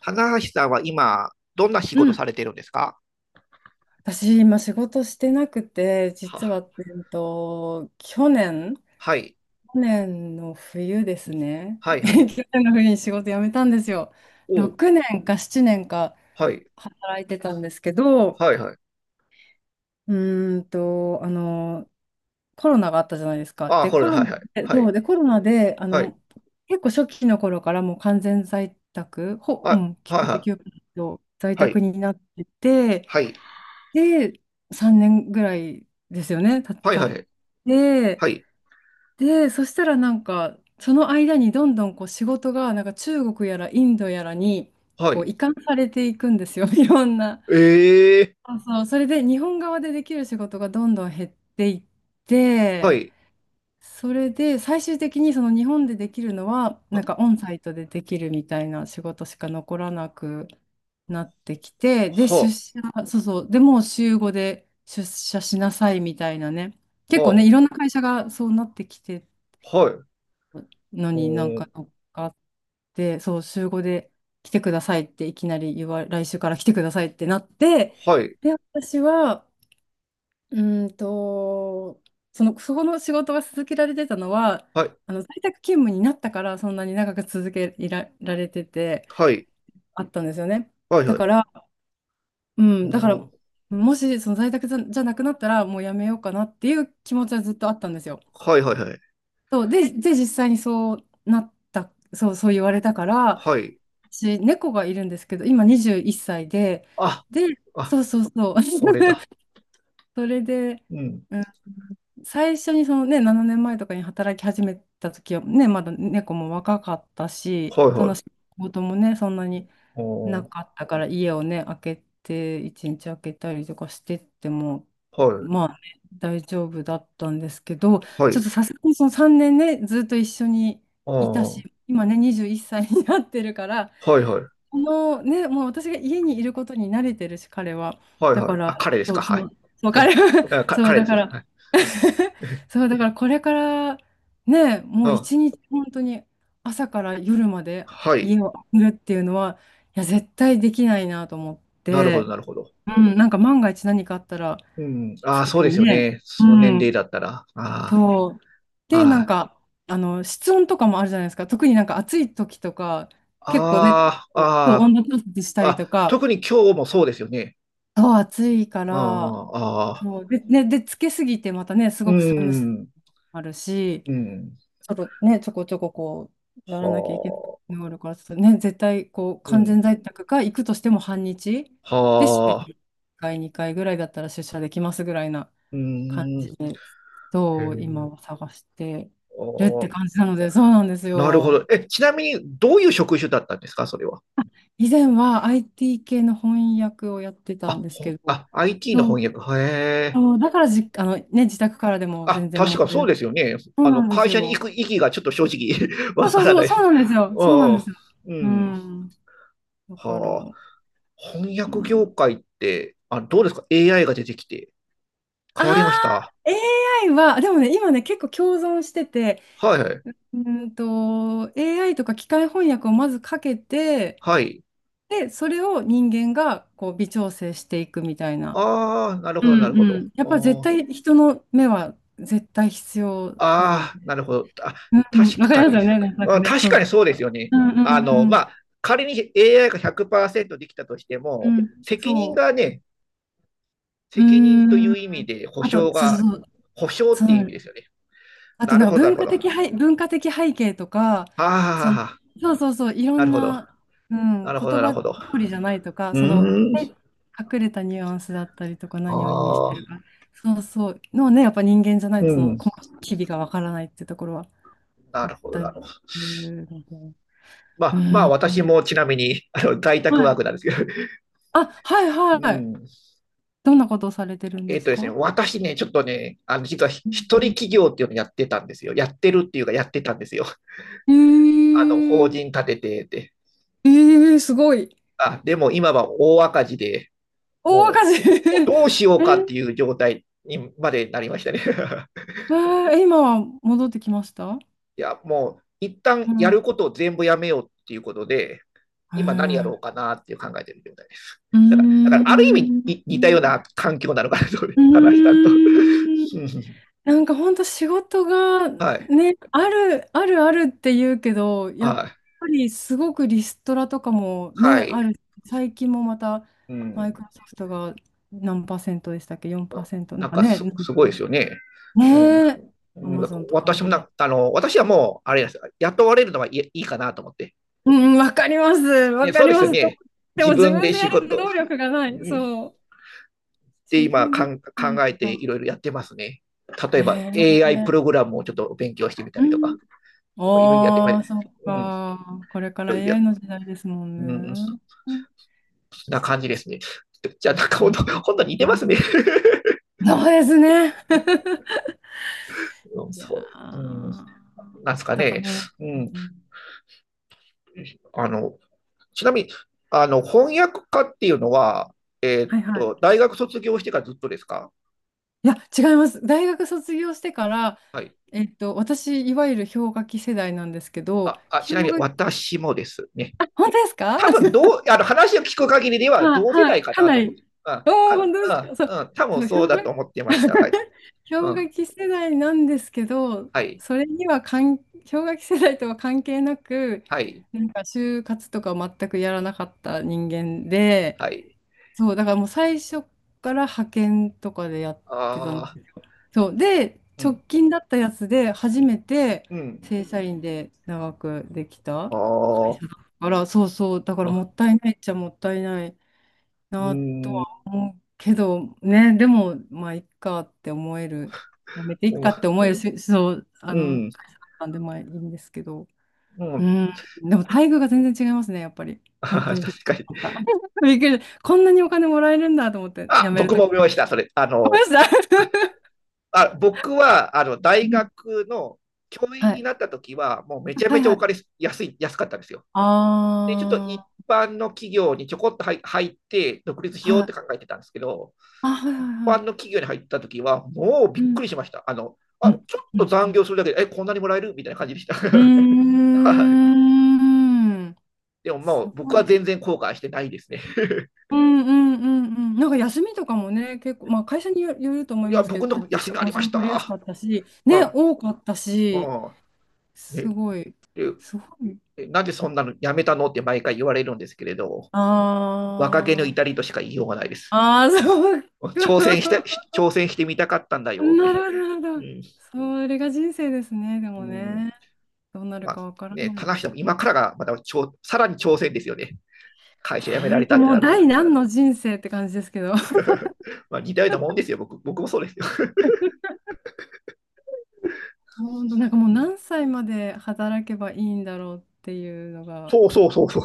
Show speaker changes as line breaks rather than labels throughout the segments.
棚橋さんは今、どんな仕
う
事
ん、
されてるんですか？
私、今仕事してなくて、実
は、
は、えっと、去年、
はい、
去年の冬ですね。
は い、はい。
去年の冬に仕事辞めたんですよ。
おう、
6年か7年か
はい、
働いてたんですけど、
はい、はい。
うーんと、あの、コロナがあったじゃないですか。
ああ、
で、
これ
コ
だ、
ロ
は
ナ
い、はい、
で、
はい、はい、
結構初期の頃からもう完全在宅、うん、
はい、
99%在
は
宅
い、
になってて、
はい、
で、3年ぐらいですよね、
はい、
た
はい、
っ
はい、
て、
はい、
で、そしたらなんか、その間にどんどんこう仕事が、なんか中国やらインドやらに、
は
こう
い。
移管されていくんですよ、いろんな。
ええ
そうそう、それで日本側でできる仕事がどんどん減っていっ
は
て、
い、
それで最終的にその日本でできるのはな
は、
んかオンサイトでできるみたいな仕事しか残らなくなってきて、で、出
は、
社、そうそうで、もう週5で出社しなさいみたいなね。結構ね、
は、
いろんな会社がそうなってきてる
はい、う
の
ー
に、なんか
ん、
乗っかって、そう週5で来てくださいっていきなり来週から来てくださいってなって、
はい、
で、私は、うーんと、その、そこの仕事が続けられてたのは、
はい、
あの在宅勤務になったから、そんなに長く続けら、られてて、
はい、
あったんですよね。
はい、
だ
はい、
か
う
ら、う
ー
ん、だから、
ん、
もしその在宅じゃなくなったら、もうやめようかなっていう気持ちはずっとあったんですよ。
はい、はい、はい、
そう、で、実際にそうなった、そう、そう言われたから、
はい。
私、猫がいるんですけど、今21歳で、
あ、
で、
あ、
そうそうそう、
これ だ。
それで、
うん、
う最初にそのね、7年前とかに働き始めた時はね、まだ猫も若かったし、
はい、
その
はい、
仕事もね、そんなに
うー
な
ん、
かったから、家をね、開けて、一日開けたりとかしてっても、
はい、
まあね、大丈夫だったんですけど、
は
ちょっ
い、
とさすがにその3年ね、ずっと一緒に
あ
いた
あ、
し、今ね、21歳になってるから、
はいはい。
このね、もう私が家にいることに慣れてるし、彼は。
はい
だ
は
か
い。あ、
ら、
彼です
そ
か。
う、
はい。
そう、そう
うん。
彼は、
あ、
そう、
彼
だ
です
か
よ。は
ら、
い。
そう、だからこれからね、も
う
う
ん。
一日本当に朝から夜まで
はい。
家を空けるっていうのは、いや、絶対できないなと思っ
なるほど、
て、
なるほど。
うん、なんか万が一何かあったら、
うん。あ
す
あ、そう
ぐ
です
に
よ
ね、
ね。
う
その年齢
ん、
だったら。あ、
そう。で、なん
あ
か、室温とかもあるじゃないですか。特になんか暑い時とか、結構ね、
あ、
そう
ああ、
温度調節したりと
あ
か、
特に今日もそうですよね。
そう、暑いか
あ
ら、
あ、ああ、
そう、で、ね、で、つけすぎてまたね、す
う
ごく寒さも
ん、
あるし、
うん。
ちょこちょここう、やらなきゃいけな
は
いの
あ、
があるから、ちょっとね、絶対こう、
う
完
ん。
全在宅か、行くとしても半日で、週に
はあ、
1回、2回ぐらいだったら出社できますぐらいな
う
感
ん。
じ
へ
で、そう今は
え。
探して
あ
るって
あ、
感じなので、そうなんです
なるほど。
よ。
え、ちなみに、どういう職種だったんですか、それは。
以前は IT 系の翻訳をやってたんですけど、
IT の
そう、
翻訳。へえ。
そうだからあのね、自宅からでも
あ、
全然
確
問
か
題
そう
なく。
ですよね。
そうなんです
会
よ。
社に行く意義がちょっと正直
そう
わ
そ
から
うそ
な
う、
い
そ
です。
うなんですよ。
う
そうなんで
ん。
すよ。
う
う
ん。
ん。だから、
はあ。翻
う
訳業
ん、
界って、どうですか？ AI が出てきて。
あ
変
あ、
わりました。
AI は、でもね、今ね、結構共存してて、
はいはい。
AI とか機械翻訳をまずかけて、
はい。
で、それを人間がこう微調整していくみたいな。
ああ、なる
う
ほど、
ん
なるほ
うん。やっぱ絶
ど。
対人の目は絶対必要なの
あ
で。
あー、なるほど。あ、
うんう
確
ん、わかり
か
ます
に。
よね、なん
う
か
ん、
ね、
確
そう
か
そ
にそうです
う。
よね。
うんう
ま
ん
あ、仮に AI が100%できたとして
う
も、
ん。うん、
責任
そ
がね、
う。う
責任とい
ーん。
う意味で保
あと、
証
そうそう
が、
そう。
保証っ
そ
ていう意味
う
ですよね。
あと
なる
な
ほ
んか
ど、なるほど。は
文化的背景とか、
あ、はあ
その、
はあ、
そうそうそう、いろ
な
ん
るほど。
な、う
な
ん、言
るほど、なる
葉
ほ
通
ど。
りじゃないとか、
う
その、
ー
え
ん。
隠れたニュアンスだったりとか、
あ
何を意味して
あ、
るか、そうそう、のね、やっぱ人間じゃな
う
いと、その、
ん。
細かい機微がわからないってところは
な
あっ
るほど、
た
なるほ
り
ど。
するので。
ま
う
あ、まあ、
ん。
私もちなみに、在宅
は
ワー
い。
クなんですけど。
あ、はい、
う
はい。
ん。
どんなことをされてるん
え
で
っ
す
とですね、
か？
私ね、ちょっとね、実は
う
一
ん。
人企業っていうのやってたんですよ。やってるっていうか、やってたんですよ。
えー、
法人立ててて。
えー、すごい。
あ、でも今は大赤字で、
大
も
赤字。
もう どうしよう
え
かっ
ー
ていう状態にまでなりましたね。
えー、今は戻ってきました？
いや、もう、一旦
う
や
ん。
ることを全部やめようっていうことで、
へ
今何や
え。
ろうかなっていう考えてる状態です。
うー
だからある意味
ん。
に似たような環境なのかなと、
う
話したと。
ーん。なんか本当仕事が
はい、
ね、あるあるって言うけど、
は
やっ
い、
ぱりすごくリストラとかも
は
ね、
い。
ある。最近もまた
う
マ
ん、
イクロソフトが何パーセントでしたっけ？ 4% なん
なん
か
か
ね、
すごいですよね。う
ねえ、ア
ん、
マ
だか
ゾ
ら
ンとか
私も
も
なあの、私はもう、あれです、雇われるのはい、いいかなと思って。
うん、うん、わかります。わ
ね、
か
そう
り
です
ま
よ
す。でも、
ね。自
自
分
分
で
で
仕
やる
事、
能力がない。そう。
で、
自
今
分で
考
作るし
えてい
か。
ろいろやってますね。例え
へ
ば
え。
AI プログラムをちょっと勉強してみた
う
りとか、
ん。
いろいろやってま
あ
い
あ、そっ
うん、い
か。これか
ろ
ら
いろやっ
AI
て、
の時代ですもん
うん、
ね。うん、
な
そ
感じですね。じゃあ、なんか
う
本
ん、
当、本当似
う
てますね。
ん、そうですね。
うん、
いや
そう、うん、なん
ー、
ですか
だか
ね。
ら、
うん。
うん、
あの、ちなみに、翻訳家っていうのは、
はい、はい。
大学卒業してからずっとですか？
いや、違います。大学卒業してから、
はい。
私、いわゆる氷河期世代なんですけど、
ち
氷
なみに
河期、
私もですね。
あ、本当ですか？
多分あの話を聞く限りでは
はい、
同世
はい、
代か
か
な
な
と思って、
り。
うん
おお、
か
本当ですか。そ
う
う、
んうん、多分
そう、
そうだと思ってました。はい。う
氷河
ん、
期世代なんですけど、
はい。
それには氷河期世代とは関係なく、
はい。
なんか就活とか全くやらなかった人間で、
はい。
そう、だからもう最初から派遣とかでやってたの。
ああ、
そう、で、
う
直
ん。
近だったやつで初めて
うん。
正社員で長くできた
あ
会
あ、
社だから、そうそう、だからもっ
う
たいないっちゃもったいない
ん。
なと、
うん。
けど、ね、でも、まあ、いっかって思える、やめていっかって思えるし、そう、
う
あの、
ん。
会社だったんで、まあ、いいんですけど、
う
う
ん。
ん、でも、待遇が全然違いますね、やっぱり。本
あ
当
ー
にびっ
確かに。
くりした。びっくりした。こんなにお金もらえるんだと思って、辞
あ、
める
僕
と
も
き。
思いました、それ。
ごめんいました。
あ、僕は、
う
大
ん、
学の教員
は
に
い。
なった時は、もうめちゃ
は
め
い、
ちゃ
は
お
い。
金安かったんですよ。で、ちょっと一
あ
般の企業にちょこっと入って、独立し
あ、
ようっ
は
て
い。
考えてたんですけど、
あ、はい、は
一
い、は
般
い。
の企業に入った時は、もうび
う
っく
ん。
りしました。
うん。
ちょっ
う
と
ん。う
残
ん。
業するだけで、こんなにもらえるみたいな感じでした。
うー
はい。
ん、
でもも
す
う僕
ご
は
い。
全然後悔してないですね。
うん、うん、うん、うん。なんか休みとかもね、結構、まあ会社によると思 い
いや、
ますけ
僕
ど、休
の
み
休
と
みあ
かも
り
す
ま
ご
し
い取りやす
た。
かったし、
う
ね、
ん。
多かったし、
うん。
す
ね、
ごい、す
で、
ごい。
なんでそんなのやめたのって毎回言われるんですけれど、若気の
あ
至
ー、
りとしか言いようがないです。
あー、そうか。
挑戦し て、挑戦してみたかったんだ
な
よって。
るほど、なる
う
ほど。
ん、
それが人生ですね、で
う
も
ん
ね。どうなる
まあ
かわから
ね、
な
必
い。
ずしも今からがまたさらに挑戦ですよね。会社辞めら
本
れた
当
って
も
な
う
ると。
第何の人生って感じですけど。
まあ似たようなもんですよ、僕もそうですよ。
本当なんかもう
うん
何歳まで働けばいいんだろうっていうのが。
そうそうそうそう。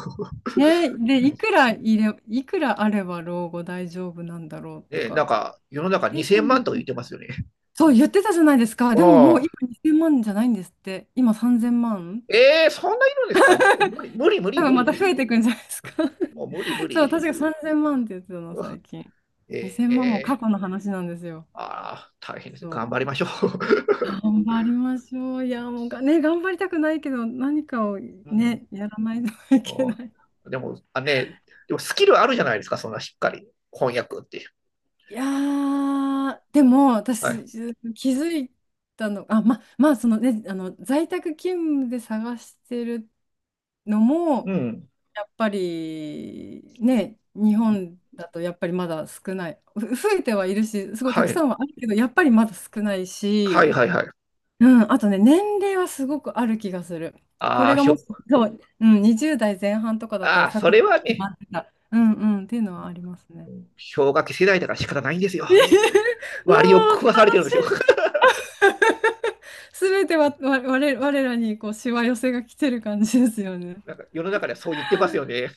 ね、で、いくらあれば老後大丈夫なんだろうと
ね、なん
か。
か世の中
計
2000
算で
万
き
とか
な
言
い。
ってますよね。
そう言ってたじゃないですか。
あ
でももう
あ。
今2000万じゃないんですって。今3000万。
えー、そんないるんですか？無理、無理、無理、
多
無
分
理、
ま
無
た増
理。
えていくんじゃないですか。
もう無理、無
そう、
理。
確か3000万って言ってたの、最近。2000万も過
え
去の話なんですよ。
ー、ああ、大変ですね。
そ
頑張りま
う。
しょう。
頑張りましょう。いや、もうね、頑張りたくないけど、何かを
うん、
ね、やらないといけ
お
ない。
でも、ね、でもスキルあるじゃないですか、そんなしっかり。翻訳って。
いやー、でも
は
私
い。
気づいたの、あ、まあそのね、あの在宅勤務で探してるのも、
うん。
やっぱりね、日本だとやっぱりまだ少ない、増えてはいるし、すごい
は
たく
い。
さんはあるけど、やっぱりまだ少ない
はい
し、
はいはい。
うん、あとね、年齢はすごくある気がする。こ
あ
れ
あ、
が
ひ
も
ょ、
し、そう、うん、20代前半とかだった
あ
ら
あ、
サ
そ
クッ
れ
と
は
決
ね、
まってた。うんうん、っていうのはあります
う
ね。
ん、氷河期世代だから仕方ないんですよ。
もう悲
割を食わされてるんですよ。
しい。すべては、わ、我々、我らにこう、しわ寄せが来てる感じですよね。
なんか世の中ではそう言ってますよね。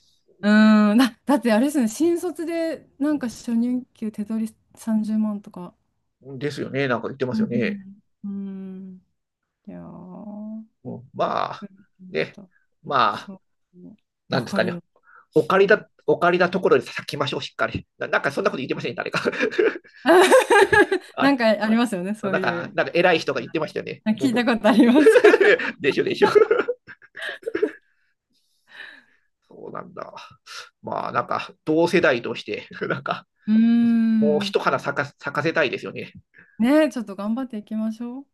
うーん、だってあれですよね、新卒でな
う
んか初任給手取り30万とか。
ん、ですよね。なんか言ってま
う
すよね。
ん。うん。いやー、
うん
びっ
ま
く
あ、
りしまし
ね、
た。
まあ、
そう。
な
わ
んです
か
か
り
ね。
ます。うん。
お借りだところで咲きましょう、しっかり。なんかそんなこと言ってませんね、誰か。
なん
あ
かありますよね、
れ
そう
なん
い
か、
う
なんか偉い
言い
人が
方。
言ってましたよね。もう
聞いた
僕
ことあります。
でしょでしょ。そうなんだ。まあ、なんか、同世代として、なんか、
うー
もう
ん。
一花咲かせたいですよね。
ね、ちょっと頑張っていきましょう。